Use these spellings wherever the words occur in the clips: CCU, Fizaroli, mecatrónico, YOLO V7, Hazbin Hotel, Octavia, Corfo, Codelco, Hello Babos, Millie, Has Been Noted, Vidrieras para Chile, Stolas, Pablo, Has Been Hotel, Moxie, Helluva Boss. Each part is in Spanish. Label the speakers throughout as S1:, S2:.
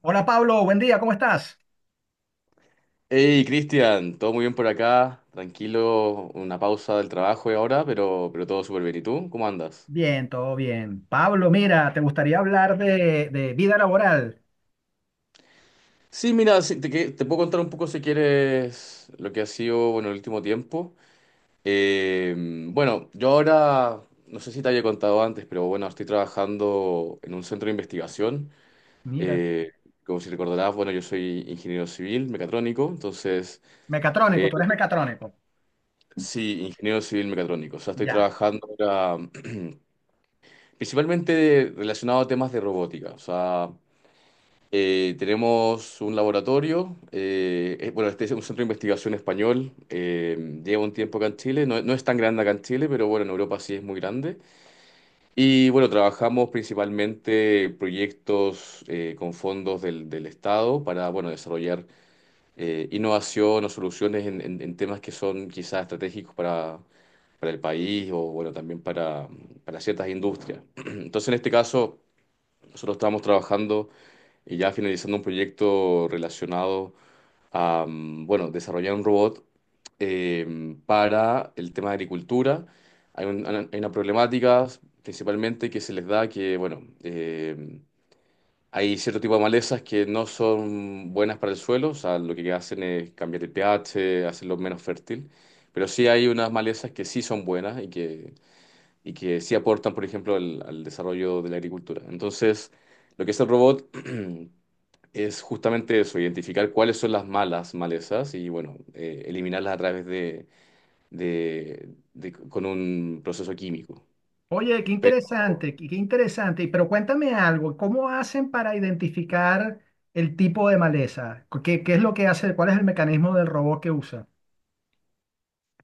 S1: Hola, Pablo, buen día, ¿cómo estás?
S2: Hey, Cristian, todo muy bien por acá, tranquilo, una pausa del trabajo y ahora, pero todo súper bien. ¿Y tú? ¿Cómo andas?
S1: Bien, todo bien. Pablo, mira, te gustaría hablar de vida laboral.
S2: Sí, mira, sí, te puedo contar un poco si quieres lo que ha sido, bueno, el último tiempo. Eh, bueno, yo ahora, no sé si te había contado antes, pero bueno, estoy trabajando en un centro de investigación.
S1: Mira,
S2: Eh, Como si recordarás, bueno, yo soy ingeniero civil mecatrónico, entonces,
S1: mecatrónico,
S2: eh,
S1: tú eres mecatrónico.
S2: sí, ingeniero civil mecatrónico. O sea, estoy
S1: Ya.
S2: trabajando ahora principalmente relacionado a temas de robótica. O sea, tenemos un laboratorio, bueno, este es un centro de investigación español, lleva un tiempo acá en Chile, no, no es tan grande acá en Chile, pero bueno, en Europa sí es muy grande. Y bueno, trabajamos principalmente proyectos con fondos del Estado para, bueno, desarrollar innovación o soluciones en temas que son quizás estratégicos para el país o, bueno, también para ciertas industrias. Entonces, en este caso. Nosotros estábamos trabajando y ya finalizando un proyecto relacionado a, bueno, desarrollar un robot para el tema de agricultura. Hay una problemática principalmente que se les da que, bueno, hay cierto tipo de malezas que no son buenas para el suelo, o sea, lo que hacen es cambiar el pH, hacerlo menos fértil, pero sí hay unas malezas que sí son buenas y que sí aportan, por ejemplo, al desarrollo de la agricultura. Entonces, lo que es el robot es justamente eso, identificar cuáles son las malas malezas y, bueno, eliminarlas a través con un proceso químico.
S1: Oye, qué
S2: Pero,
S1: interesante, qué interesante. Pero cuéntame algo, ¿cómo hacen para identificar el tipo de maleza? ¿Qué es lo que hace? ¿Cuál es el mecanismo del robot que usa?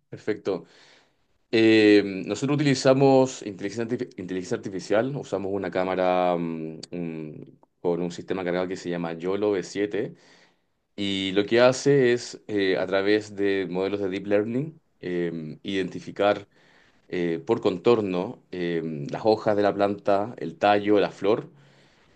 S2: perfecto. Nosotros utilizamos inteligencia artificial, usamos una cámara con un sistema cargado que se llama YOLO V7. Y lo que hace es, a través de modelos de deep learning, identificar por contorno, las hojas de la planta, el tallo, la flor,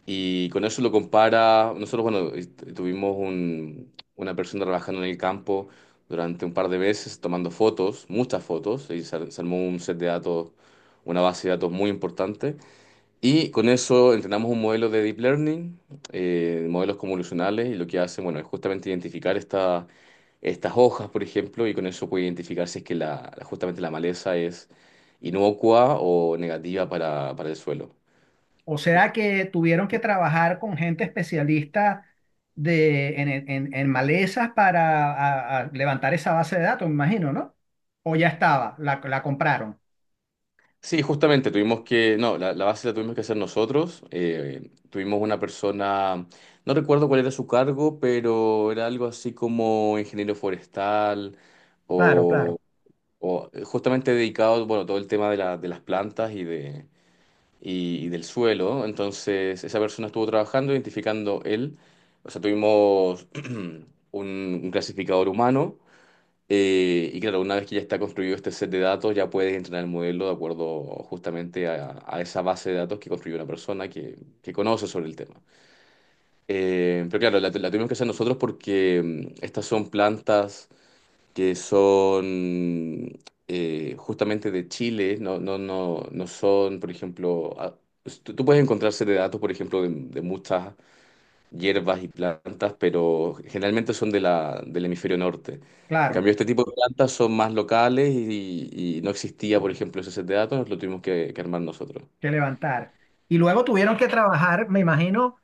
S2: y con eso lo compara. Nosotros, bueno, tuvimos una persona trabajando en el campo durante un par de veces, tomando fotos, muchas fotos, y se armó un set de datos, una base de datos muy importante. Y con eso entrenamos un modelo de deep learning, modelos convolucionales, y lo que hace, bueno, es justamente identificar estas hojas, por ejemplo, y con eso puede identificar si es que justamente la maleza es inocua o negativa para el suelo.
S1: O sea que tuvieron que trabajar con gente especialista en malezas para a levantar esa base de datos, me imagino, ¿no? O ya estaba, la compraron.
S2: Sí, justamente tuvimos que, no, la base la tuvimos que hacer nosotros. Tuvimos una persona, no recuerdo cuál era su cargo, pero era algo así como ingeniero forestal,
S1: Claro, claro,
S2: o justamente dedicado, bueno, todo el tema de las plantas y del suelo. Entonces, esa persona estuvo trabajando, identificando él. O sea, tuvimos un clasificador humano. Y claro, una vez que ya está construido este set de datos, ya puedes entrenar el modelo de acuerdo justamente a esa base de datos que construyó una persona que conoce sobre el tema. Pero claro, la tuvimos que hacer nosotros porque estas son plantas que son justamente de Chile, no, no, no, no son, por ejemplo, pues, tú puedes encontrarse de datos, por ejemplo, de muchas hierbas y plantas, pero generalmente son del hemisferio norte. En cambio,
S1: claro,
S2: este tipo de plantas son más locales y no existía, por ejemplo, ese set de datos, lo tuvimos que armar nosotros.
S1: que levantar. Y luego tuvieron que trabajar, me imagino,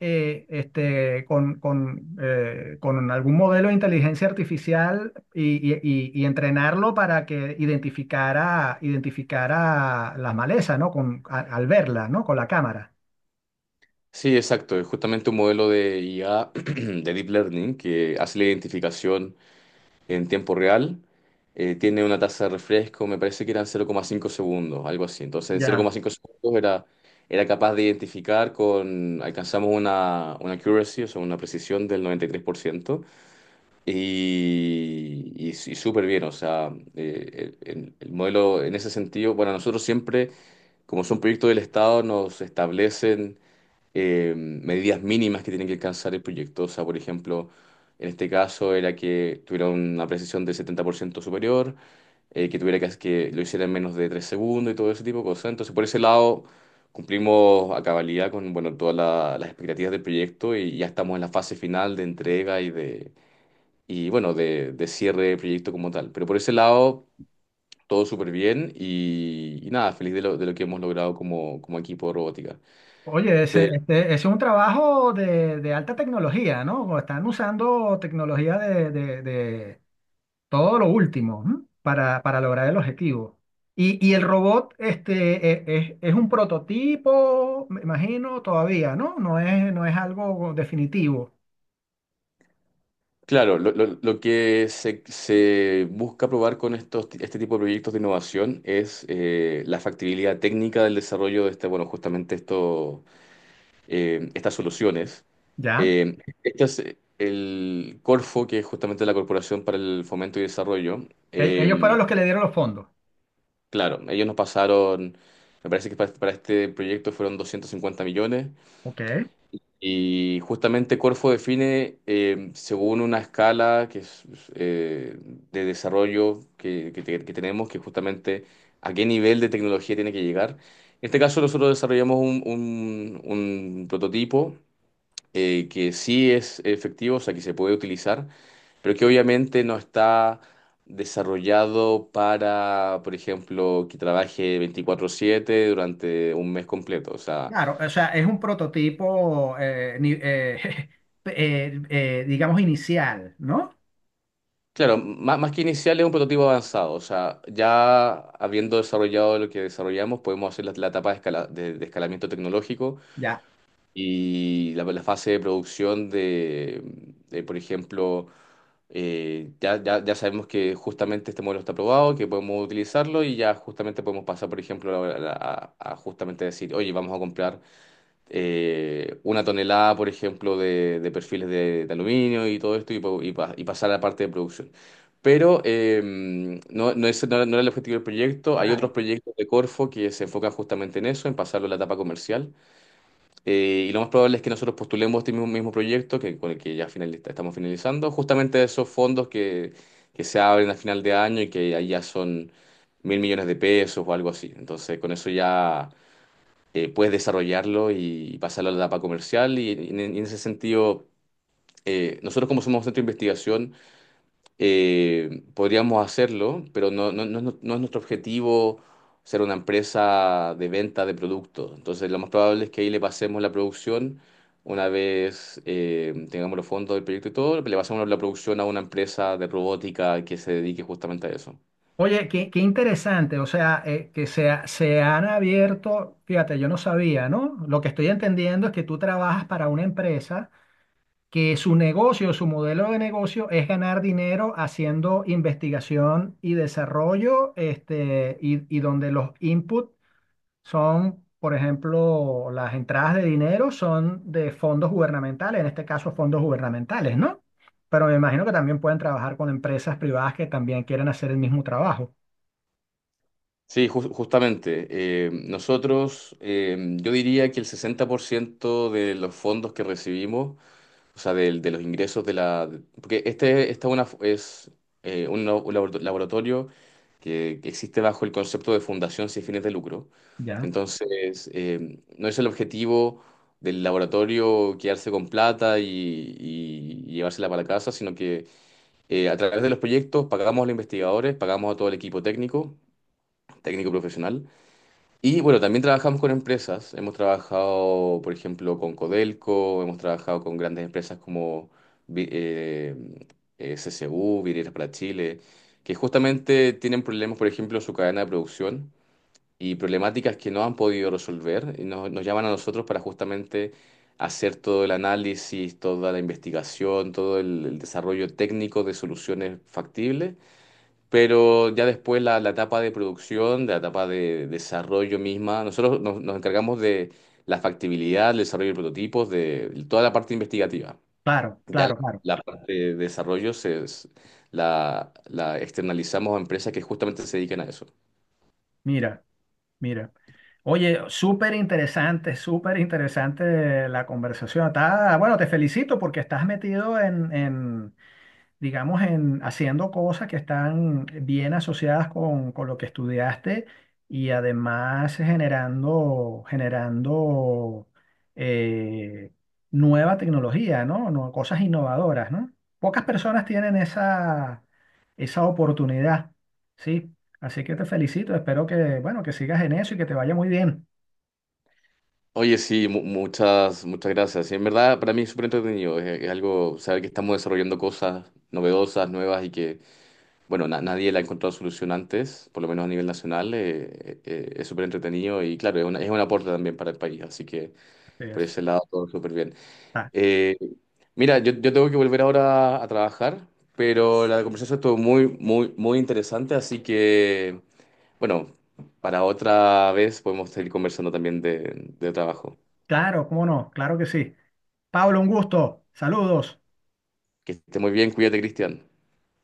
S1: con algún modelo de inteligencia artificial y, y entrenarlo para que identificara, identificara las malezas, ¿no? Con, al verla, ¿no? Con la cámara.
S2: Sí, exacto, es justamente un modelo de IA, de Deep Learning, que hace la identificación en tiempo real. Tiene una tasa de refresco, me parece que eran 0,5 segundos, algo así. Entonces, en
S1: Ya.
S2: 0,5 segundos era capaz de identificar con, alcanzamos una accuracy, o sea, una precisión del 93%, y, tres por ciento, y súper bien, o sea, el modelo en ese sentido, bueno, nosotros siempre, como son proyectos del Estado, nos establecen medidas mínimas que tiene que alcanzar el proyecto. O sea, por ejemplo, en este caso era que tuviera una precisión de 70% superior, que tuviera que lo hiciera en menos de 3 segundos y todo ese tipo de cosas. Entonces, por ese lado, cumplimos a cabalidad con, bueno, todas las expectativas del proyecto y ya estamos en la fase final de entrega y de, y bueno, de cierre del proyecto como tal. Pero por ese lado. Todo súper bien y nada, feliz de lo que hemos logrado como, equipo de robótica.
S1: Oye, ese, este, ese es un trabajo de- de alta tecnología, ¿no? O están usando tecnología de, de todo lo último, ¿m? Para lograr el objetivo. Y el robot este, es un prototipo, me imagino, todavía, ¿no? No es, no es algo definitivo.
S2: Claro, lo que se busca probar con este tipo de proyectos de innovación es la factibilidad técnica del desarrollo de este, bueno, justamente esto, estas soluciones.
S1: Ya.
S2: Eh, este es el Corfo, que es justamente la Corporación para el Fomento y Desarrollo.
S1: Ellos fueron los que le dieron los fondos.
S2: Claro, ellos nos pasaron, me parece que para este proyecto fueron 250 millones.
S1: Ok.
S2: Y justamente Corfo define, según una escala que es, eh, de desarrollo que tenemos, que justamente a qué nivel de tecnología tiene que llegar. En este caso nosotros desarrollamos un prototipo que sí es efectivo, o sea, que se puede utilizar, pero que obviamente no está desarrollado para, por ejemplo, que trabaje 24/7 durante un mes completo. O sea,
S1: Claro, o sea, es un prototipo, digamos, inicial, ¿no?
S2: claro, más, que inicial es un prototipo avanzado, o sea, ya habiendo desarrollado lo que desarrollamos, podemos hacer la etapa de escalamiento tecnológico
S1: Ya.
S2: y la fase de producción por ejemplo, ya sabemos que justamente este modelo está aprobado, que podemos utilizarlo y ya justamente podemos pasar, por ejemplo, a justamente decir, oye, vamos a comprar una tonelada, por ejemplo, de perfiles de aluminio y todo esto y pasar a la parte de producción. Pero no, no, ese no era el objetivo del proyecto. Hay
S1: Claro.
S2: otros proyectos de Corfo que se enfocan justamente en eso, en pasarlo a la etapa comercial. Y lo más probable es que nosotros postulemos este mismo, mismo proyecto con el que ya estamos finalizando, justamente esos fondos que se abren a final de año y que ahí ya son 1.000 millones de pesos o algo así. Entonces, con eso ya puedes desarrollarlo y, pasarlo a la etapa comercial. Y, en ese sentido, nosotros como somos centro de investigación, podríamos hacerlo, pero no, no, no, no es nuestro objetivo ser una empresa de venta de productos. Entonces, lo más probable es que ahí le pasemos la producción. Una vez tengamos los fondos del proyecto y todo, le pasamos la producción a una empresa de robótica que se dedique justamente a eso.
S1: Oye, qué, qué interesante, o sea, que se, se han abierto, fíjate, yo no sabía, ¿no? Lo que estoy entendiendo es que tú trabajas para una empresa que su negocio, su modelo de negocio es ganar dinero haciendo investigación y desarrollo, este, y donde los inputs son, por ejemplo, las entradas de dinero son de fondos gubernamentales, en este caso fondos gubernamentales, ¿no? Pero me imagino que también pueden trabajar con empresas privadas que también quieren hacer el mismo trabajo.
S2: Sí, justamente. Nosotros, yo diría que el 60% de los fondos que recibimos, o sea, los ingresos de la. Porque es un laboratorio que existe bajo el concepto de fundación sin fines de lucro.
S1: Ya.
S2: Entonces, no es el objetivo del laboratorio quedarse con plata y llevársela para la casa, sino que a través de los proyectos pagamos a los investigadores, pagamos a todo el equipo técnico, técnico profesional. Y bueno, también trabajamos con empresas. Hemos trabajado, por ejemplo, con Codelco, hemos trabajado con grandes empresas como Vi- eh, CCU, Vidrieras para Chile, que justamente tienen problemas, por ejemplo, en su cadena de producción y problemáticas que no han podido resolver. Y nos llaman a nosotros para justamente hacer todo el análisis, toda la investigación, todo el desarrollo técnico de soluciones factibles, pero ya después la etapa de producción, de la etapa de desarrollo misma, nosotros nos encargamos de la factibilidad, el desarrollo de prototipos, de toda la parte investigativa.
S1: Claro,
S2: Ya la,
S1: claro, claro.
S2: la parte de desarrollo la externalizamos a empresas que justamente se dedican a eso.
S1: Mira, mira. Oye, súper interesante la conversación. Está- bueno, te felicito porque estás metido en, digamos, en haciendo cosas que están bien asociadas con lo que estudiaste y además generando, generando eh, nueva tecnología, ¿no? No, cosas innovadoras, ¿no? Pocas personas tienen esa, esa oportunidad, ¿sí? Así que te felicito, espero que, bueno, que sigas en eso y que te vaya muy bien.
S2: Oye, sí, muchas, muchas gracias. Sí, en verdad, para mí es súper entretenido. Es algo, saber que estamos desarrollando cosas novedosas, nuevas y que bueno, nadie le ha encontrado solución antes, por lo menos a nivel nacional. Es súper entretenido y claro, es un aporte también para el país, así que
S1: Así
S2: por
S1: es.
S2: ese lado todo súper bien.
S1: Ah,
S2: Eh, Mira, yo tengo que volver ahora a trabajar, pero la conversación estuvo muy, muy, muy interesante, así que bueno, para otra vez podemos seguir conversando también de trabajo.
S1: claro, cómo no, claro que sí. Pablo, un gusto, saludos.
S2: Que esté muy bien, cuídate, Cristian.